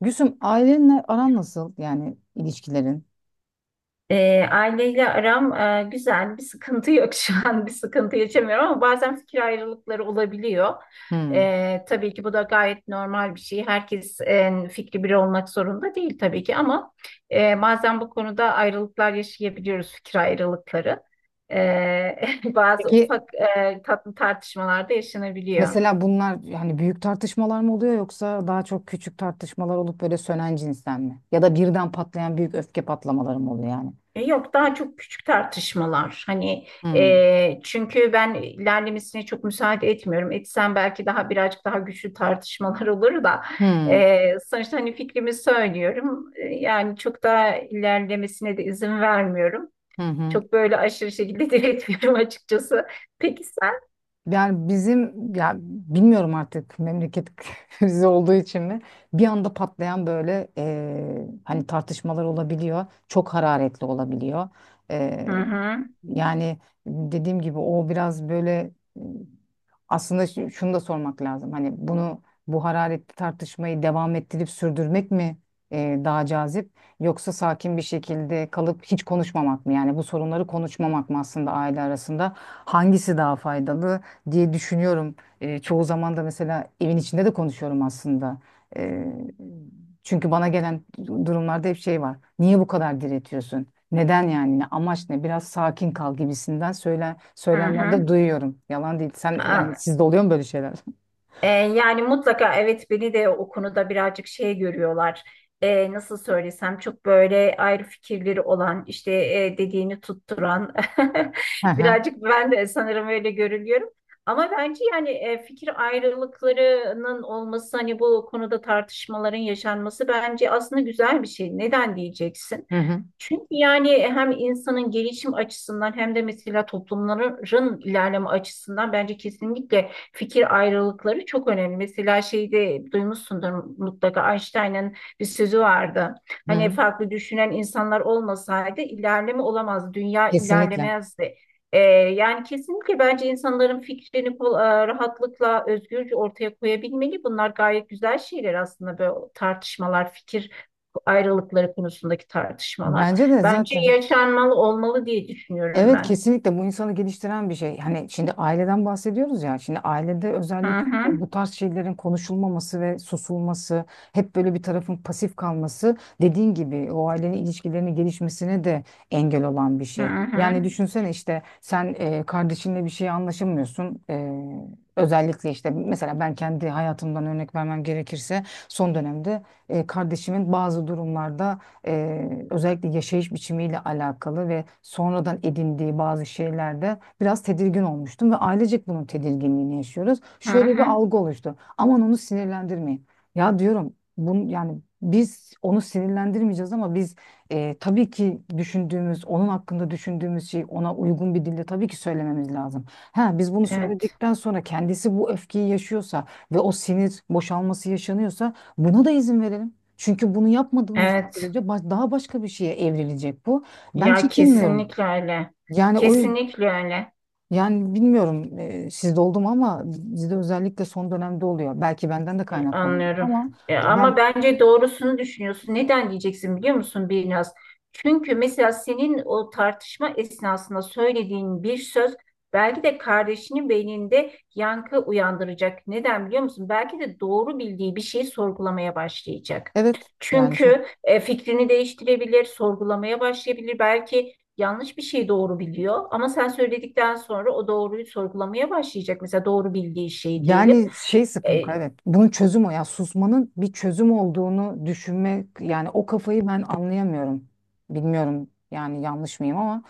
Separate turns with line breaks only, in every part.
Gülsüm ailenle aran nasıl yani ilişkilerin?
Aileyle aram güzel, bir sıkıntı yok şu an, bir sıkıntı yaşamıyorum ama bazen fikir ayrılıkları olabiliyor.
Hmm.
Tabii ki bu da gayet normal bir şey. Herkes fikri biri olmak zorunda değil tabii ki ama bazen bu konuda ayrılıklar yaşayabiliyoruz, fikir ayrılıkları. Bazı
Peki
ufak tatlı tartışmalar da yaşanabiliyor.
mesela bunlar hani büyük tartışmalar mı oluyor yoksa daha çok küçük tartışmalar olup böyle sönen cinsten mi? Ya da birden patlayan büyük öfke patlamaları mı oluyor yani?
Yok, daha çok küçük tartışmalar, hani
Hmm.
çünkü ben ilerlemesine çok müsaade etmiyorum, etsem belki daha birazcık daha güçlü tartışmalar olur da
Hmm.
sonuçta hani fikrimi söylüyorum. Yani çok daha ilerlemesine de izin vermiyorum,
Hı hı.
çok böyle aşırı şekilde diretmiyorum açıkçası. Peki sen?
Yani bizim ya bilmiyorum artık memleket krizi olduğu için mi bir anda patlayan böyle hani tartışmalar olabiliyor çok hararetli olabiliyor.
Hı hı,
Yani dediğim gibi o biraz böyle e, aslında şunu da sormak lazım. Hani bunu bu hararetli tartışmayı devam ettirip sürdürmek mi daha cazip yoksa sakin bir şekilde kalıp hiç konuşmamak mı? Yani bu sorunları konuşmamak mı aslında aile arasında? Hangisi daha faydalı diye düşünüyorum. Çoğu zaman da mesela evin içinde de konuşuyorum aslında. E, Çünkü bana gelen durumlarda hep şey var. Niye bu kadar diretiyorsun? Neden yani? Ne amaç ne? Biraz sakin kal gibisinden
hı hı.
söylemlerde duyuyorum. Yalan değil. Sen yani
Aa,
sizde oluyor mu böyle şeyler?
Yani mutlaka evet, beni de o konuda birazcık şey görüyorlar. Nasıl söylesem, çok böyle ayrı fikirleri olan, işte dediğini tutturan,
Hı hı.
birazcık ben de sanırım öyle görülüyorum. Ama bence yani fikir ayrılıklarının olması, hani bu konuda tartışmaların yaşanması bence aslında güzel bir şey. Neden diyeceksin?
Hı hı.
Çünkü yani hem insanın gelişim açısından hem de mesela toplumların ilerleme açısından bence kesinlikle fikir ayrılıkları çok önemli. Mesela şeyde duymuşsundur mutlaka, Einstein'ın bir sözü vardı.
Hı
Hani
hı.
farklı düşünen insanlar olmasaydı ilerleme olamazdı, dünya
Kesinlikle.
ilerlemezdi. Yani kesinlikle bence insanların fikrini rahatlıkla, özgürce ortaya koyabilmeli. Bunlar gayet güzel şeyler aslında, böyle tartışmalar, fikir ayrılıkları konusundaki tartışmalar.
Bence de
Bence
zaten.
yaşanmalı, olmalı diye düşünüyorum
Evet
ben.
kesinlikle bu insanı geliştiren bir şey. Hani şimdi aileden bahsediyoruz ya. Şimdi ailede
Hı
özellikle
hı,
bu tarz şeylerin konuşulmaması ve susulması, hep böyle bir tarafın pasif kalması dediğin gibi o ailenin ilişkilerinin gelişmesine de engel olan bir
hı
şey.
hı,
Yani düşünsene işte sen kardeşinle bir şeye anlaşamıyorsun. Özellikle işte mesela ben kendi hayatımdan örnek vermem gerekirse son dönemde kardeşimin bazı durumlarda özellikle yaşayış biçimiyle alakalı ve sonradan edindiği bazı şeylerde biraz tedirgin olmuştum ve ailecek bunun tedirginliğini yaşıyoruz.
hı
Şöyle bir
hı.
algı oluştu. Aman onu sinirlendirmeyin. Ya diyorum yani biz onu sinirlendirmeyeceğiz ama biz tabii ki düşündüğümüz, onun hakkında düşündüğümüz şey ona uygun bir dille tabii ki söylememiz lazım. Ha, biz bunu
Evet,
söyledikten sonra kendisi bu öfkeyi yaşıyorsa ve o sinir boşalması yaşanıyorsa buna da izin verelim. Çünkü bunu yapmadığımız
evet.
sürece daha başka bir şeye evrilecek bu. Ben
Ya
çekinmiyorum.
kesinlikle öyle.
Yani o yüzden
Kesinlikle öyle.
yani bilmiyorum sizde oldu mu ama bizde özellikle son dönemde oluyor. Belki benden de kaynaklanıyor
Anlıyorum.
ama ben
Ama bence doğrusunu düşünüyorsun. Neden diyeceksin biliyor musun Birnaz? Çünkü mesela senin o tartışma esnasında söylediğin bir söz belki de kardeşinin beyninde yankı uyandıracak. Neden biliyor musun? Belki de doğru bildiği bir şeyi sorgulamaya başlayacak.
evet yani çok.
Çünkü fikrini değiştirebilir, sorgulamaya başlayabilir. Belki yanlış bir şey doğru biliyor ama sen söyledikten sonra o doğruyu sorgulamaya başlayacak. Mesela doğru bildiği şey diyelim.
Yani şey sıkıntı
E,
evet. Bunun çözüm o ya. Susmanın bir çözüm olduğunu düşünmek yani o kafayı ben anlayamıyorum. Bilmiyorum yani yanlış mıyım ama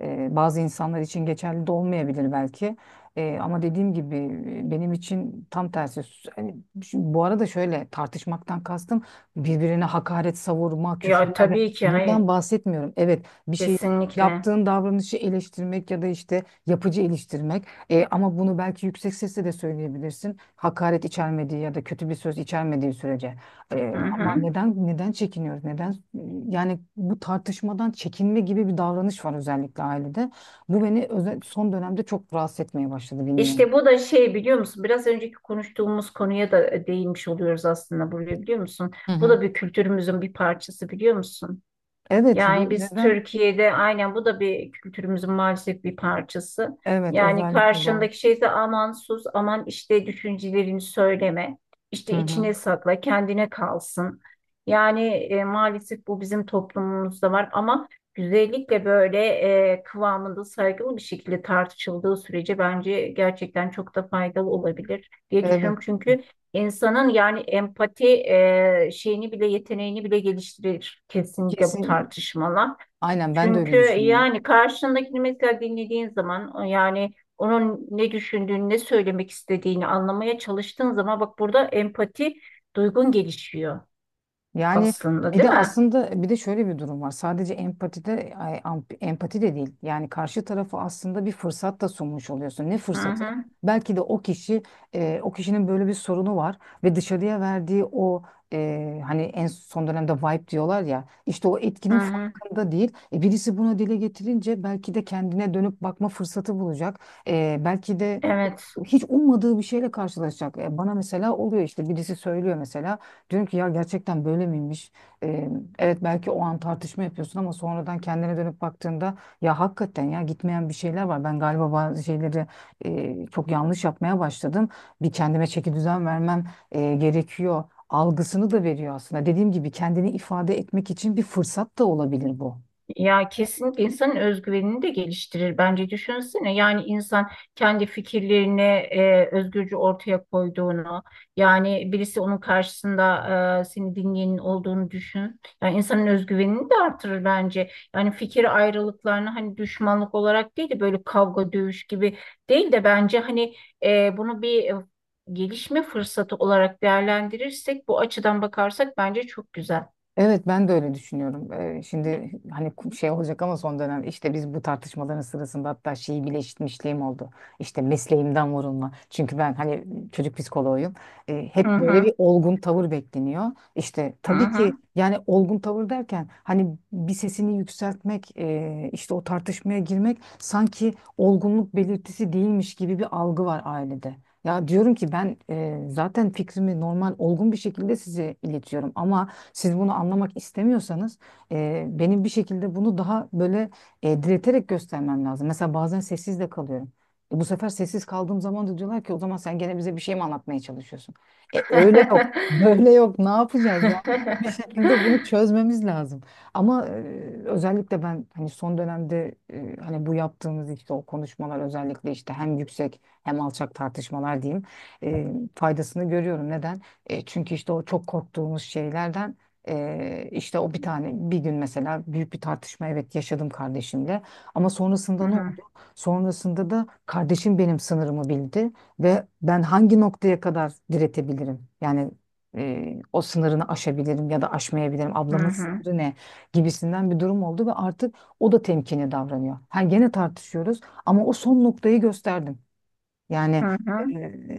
bazı insanlar için geçerli de olmayabilir belki. Ama dediğim gibi benim için tam tersi. Hani şimdi bu arada şöyle tartışmaktan kastım birbirine hakaret savurma,
Ya
küfürler
tabii ki hayır.
bundan bahsetmiyorum. Evet bir şey
Kesinlikle.
yaptığın davranışı eleştirmek ya da işte yapıcı eleştirmek. Ama bunu belki yüksek sesle de söyleyebilirsin hakaret içermediği ya da kötü bir söz içermediği sürece.
Hı
E, ama
hı.
neden neden çekiniyoruz neden yani bu tartışmadan çekinme gibi bir davranış var özellikle ailede bu beni son dönemde çok rahatsız etmeye başladı bilmiyorum.
İşte bu da şey biliyor musun? Biraz önceki konuştuğumuz konuya da değinmiş oluyoruz aslında buraya, biliyor musun?
Hı
Bu
hı.
da bir kültürümüzün bir parçası, biliyor musun?
Evet,
Yani biz
neden?
Türkiye'de aynen, bu da bir kültürümüzün maalesef bir parçası.
Evet,
Yani
özellikle doğru.
karşındaki şeyse aman sus, aman işte düşüncelerini söyleme,
Hı
işte
hı.
içine sakla, kendine kalsın. Yani maalesef bu bizim toplumumuzda var ama güzellikle böyle kıvamında saygılı bir şekilde tartışıldığı sürece bence gerçekten çok da faydalı olabilir diye
Evet,
düşünüyorum. Çünkü İnsanın yani empati şeyini bile, yeteneğini bile geliştirir kesinlikle bu
kesin.
tartışmalar.
Aynen ben de
Çünkü
öyle düşünüyorum.
yani karşındakini mesela dinlediğin zaman, o yani onun ne düşündüğünü, ne söylemek istediğini anlamaya çalıştığın zaman, bak burada empati duygun gelişiyor
Yani
aslında,
bir
değil
de
mi?
aslında bir de şöyle bir durum var. Sadece empatide empati de değil. Yani karşı tarafı aslında bir fırsat da sunmuş oluyorsun. Ne
Hı
fırsatı?
hı,
Belki de o kişi o kişinin böyle bir sorunu var ve dışarıya verdiği o hani en son dönemde vibe diyorlar ya işte o
hı
etkinin
hı.
farkında değil. Birisi bunu dile getirince belki de kendine dönüp bakma fırsatı bulacak. Belki de
Evet.
hiç ummadığı bir şeyle karşılaşacak. Bana mesela oluyor işte birisi söylüyor mesela. Diyorum ki ya gerçekten böyle miymiş? Ee, evet belki o an tartışma yapıyorsun ama sonradan kendine dönüp baktığında ya hakikaten ya gitmeyen bir şeyler var. Ben galiba bazı şeyleri çok yanlış yapmaya başladım. Bir kendime çeki düzen vermem gerekiyor. Algısını da veriyor aslında. Dediğim gibi kendini ifade etmek için bir fırsat da olabilir bu.
Ya kesinlikle insanın özgüvenini de geliştirir bence, düşünsene, yani insan kendi fikirlerini özgürce ortaya koyduğunu, yani birisi onun karşısında seni dinleyenin olduğunu düşün, yani insanın özgüvenini de artırır bence, yani fikir ayrılıklarını hani düşmanlık olarak değil de, böyle kavga dövüş gibi değil de, bence hani bunu bir gelişme fırsatı olarak değerlendirirsek, bu açıdan bakarsak bence çok güzel.
Evet ben de öyle düşünüyorum. Şimdi hani şey olacak ama son dönem işte biz bu tartışmaların sırasında hatta şeyi bile işitmişliğim oldu. İşte mesleğimden vurulma. Çünkü ben hani çocuk psikoloğuyum.
Hı
Hep böyle bir
hı,
olgun tavır bekleniyor. İşte
hı
tabii
hı.
ki yani olgun tavır derken hani bir sesini yükseltmek, işte o tartışmaya girmek sanki olgunluk belirtisi değilmiş gibi bir algı var ailede. Ya diyorum ki ben zaten fikrimi normal olgun bir şekilde size iletiyorum ama siz bunu anlamak istemiyorsanız benim bir şekilde bunu daha böyle direterek göstermem lazım. Mesela bazen sessiz de kalıyorum. Bu sefer sessiz kaldığım zaman da diyorlar ki o zaman sen gene bize bir şey mi anlatmaya çalışıyorsun? Öyle yok, böyle yok. Ne yapacağız ya? Bir şekilde bunu çözmemiz lazım. Ama özellikle ben hani son dönemde hani bu yaptığımız işte o konuşmalar özellikle işte hem yüksek hem alçak tartışmalar diyeyim e, faydasını görüyorum. Neden? Çünkü işte o çok korktuğumuz şeylerden işte o bir tane bir gün mesela büyük bir tartışma evet yaşadım kardeşimle ama
Hı
sonrasında ne
hı,
oldu? Sonrasında da kardeşim benim sınırımı bildi ve ben hangi noktaya kadar diretebilirim? Yani o sınırını aşabilirim ya da aşmayabilirim.
hı
Ablamın
hı,
sınırı ne gibisinden bir durum oldu ve artık o da temkinli davranıyor. Ha gene tartışıyoruz ama o son noktayı gösterdim. Yani
hı hı,
e,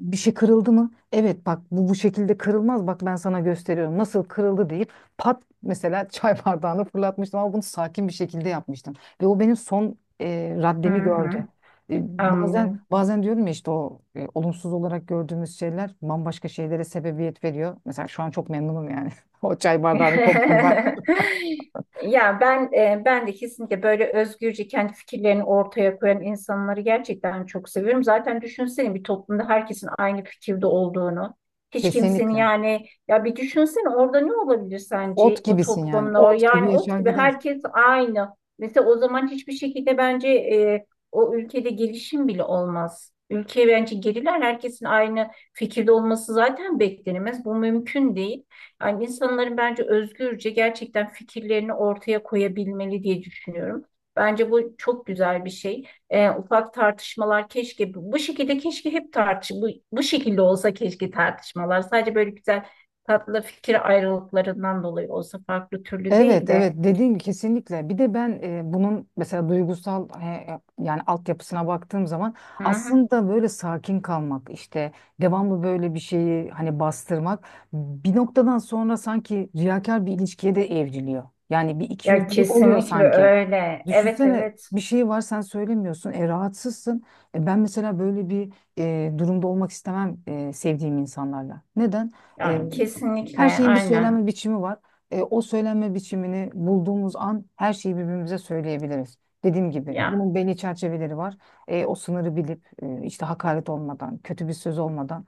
bir şey kırıldı mı? Evet bak bu bu şekilde kırılmaz. Bak ben sana gösteriyorum. Nasıl kırıldı deyip pat mesela çay bardağını fırlatmıştım ama bunu sakin bir şekilde yapmıştım. Ve o benim son raddemi
hı hı.
gördü. Bazen
Anlıyorum.
bazen diyorum ya işte o olumsuz olarak gördüğümüz şeyler bambaşka şeylere sebebiyet veriyor. Mesela şu an çok memnunum yani. O çay bardağını koyduğumda
Ya ben ben de kesinlikle böyle özgürce kendi fikirlerini ortaya koyan insanları gerçekten çok seviyorum. Zaten düşünsene, bir toplumda herkesin aynı fikirde olduğunu. Hiç kimsenin,
kesinlikle.
yani ya bir düşünsene orada ne olabilir sence,
Ot
o
gibisin yani.
toplumda o
Ot
yani
gibi
ot
yaşar
gibi
gider.
herkes aynı. Mesela o zaman hiçbir şekilde bence o ülkede gelişim bile olmaz. Ülke bence geriler, herkesin aynı fikirde olması zaten beklenemez. Bu mümkün değil. Yani insanların bence özgürce gerçekten fikirlerini ortaya koyabilmeli diye düşünüyorum. Bence bu çok güzel bir şey. Ufak tartışmalar, keşke bu şekilde, keşke hep bu şekilde olsa, keşke tartışmalar sadece böyle güzel tatlı fikir ayrılıklarından dolayı olsa, farklı türlü değil
Evet
de.
evet dediğin gibi kesinlikle bir de ben bunun mesela duygusal yani altyapısına baktığım zaman
Hı hı.
aslında böyle sakin kalmak işte devamlı böyle bir şeyi hani bastırmak bir noktadan sonra sanki riyakar bir ilişkiye de evriliyor. Yani bir
Ya
ikiyüzlülük oluyor
kesinlikle
sanki.
öyle. Evet,
Düşünsene
evet.
bir şey var sen söylemiyorsun rahatsızsın. Ben mesela böyle bir durumda olmak istemem sevdiğim insanlarla. Neden?
Yani kesinlikle
Her şeyin bir
aynen.
söylenme biçimi var. O söylenme biçimini bulduğumuz an her şeyi birbirimize söyleyebiliriz. Dediğim gibi
Ya.
bunun belli çerçeveleri var. O sınırı bilip işte hakaret olmadan, kötü bir söz olmadan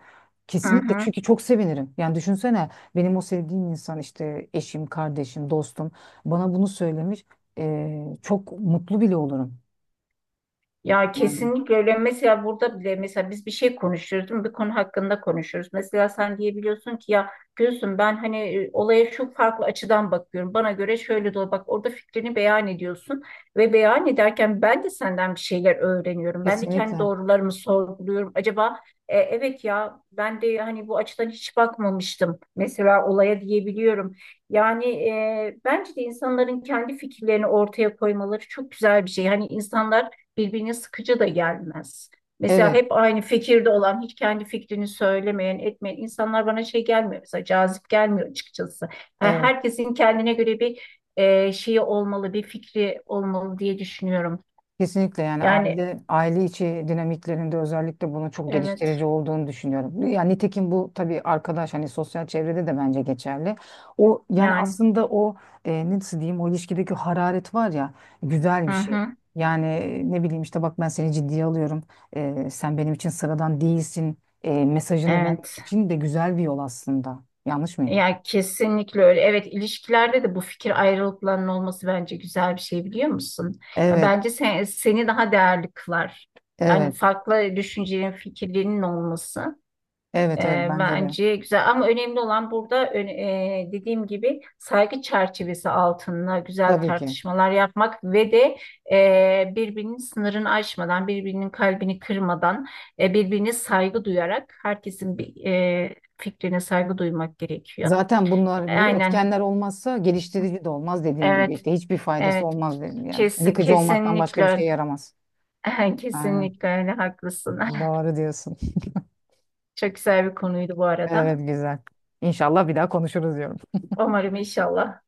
Hı
kesinlikle
hı.
çünkü çok sevinirim. Yani düşünsene benim o sevdiğim insan işte eşim, kardeşim, dostum bana bunu söylemiş. Çok mutlu bile olurum.
Ya
Yani
kesinlikle öyle. Mesela burada bile, mesela biz bir şey konuşuyoruz, değil mi? Bir konu hakkında konuşuyoruz. Mesela sen diyebiliyorsun ki, ya Gülsüm ben hani olaya şu farklı açıdan bakıyorum. Bana göre şöyle de bak, orada fikrini beyan ediyorsun ve beyan ederken ben de senden bir şeyler öğreniyorum. Ben de kendi
kesinlikle.
doğrularımı sorguluyorum. Acaba evet ya, ben de hani bu açıdan hiç bakmamıştım. Mesela olaya diyebiliyorum. Yani bence de insanların kendi fikirlerini ortaya koymaları çok güzel bir şey. Hani insanlar birbirine sıkıcı da gelmez. Mesela
Evet,
hep aynı fikirde olan, hiç kendi fikrini söylemeyen, etmeyen insanlar bana şey gelmiyor. Mesela cazip gelmiyor açıkçası. Yani
evet.
herkesin kendine göre bir şeyi olmalı, bir fikri olmalı diye düşünüyorum.
Kesinlikle yani
Yani
aile içi dinamiklerinde özellikle bunun çok
evet,
geliştirici olduğunu düşünüyorum. Yani nitekim bu tabii arkadaş hani sosyal çevrede de bence geçerli. O yani
yani
aslında o nasıl diyeyim o ilişkideki hararet var ya güzel
hı
bir şey.
hı,
Yani ne bileyim işte bak ben seni ciddiye alıyorum. Sen benim için sıradan değilsin. Mesajını vermek
evet.
için de güzel bir yol aslında. Yanlış mıyım?
Yani kesinlikle öyle. Evet, ilişkilerde de bu fikir ayrılıklarının olması bence güzel bir şey, biliyor musun? Ya
Evet,
bence sen, seni daha değerli kılar. Yani
evet,
farklı düşüncelerin, fikirlerinin olması. E,
evet, evet bence de.
Bence güzel, ama önemli olan burada, dediğim gibi, saygı çerçevesi altında güzel
Tabii ki.
tartışmalar yapmak ve de birbirinin sınırını aşmadan, birbirinin kalbini kırmadan, birbirine saygı duyarak herkesin bir, fikrine saygı duymak gerekiyor.
Zaten bunlar bu
Aynen,
etkenler olmazsa geliştirici de olmaz dediğin gibi
evet,
işte hiçbir faydası
evet,
olmaz dedim yani.
Kes-
Yıkıcı olmaktan başka bir şey
kesinlikle,
yaramaz.
öyle.
Aynen.
Kesinlikle öyle, haklısın.
Doğru diyorsun.
Çok güzel bir konuydu bu arada.
Evet güzel. İnşallah bir daha konuşuruz diyorum.
Umarım, inşallah.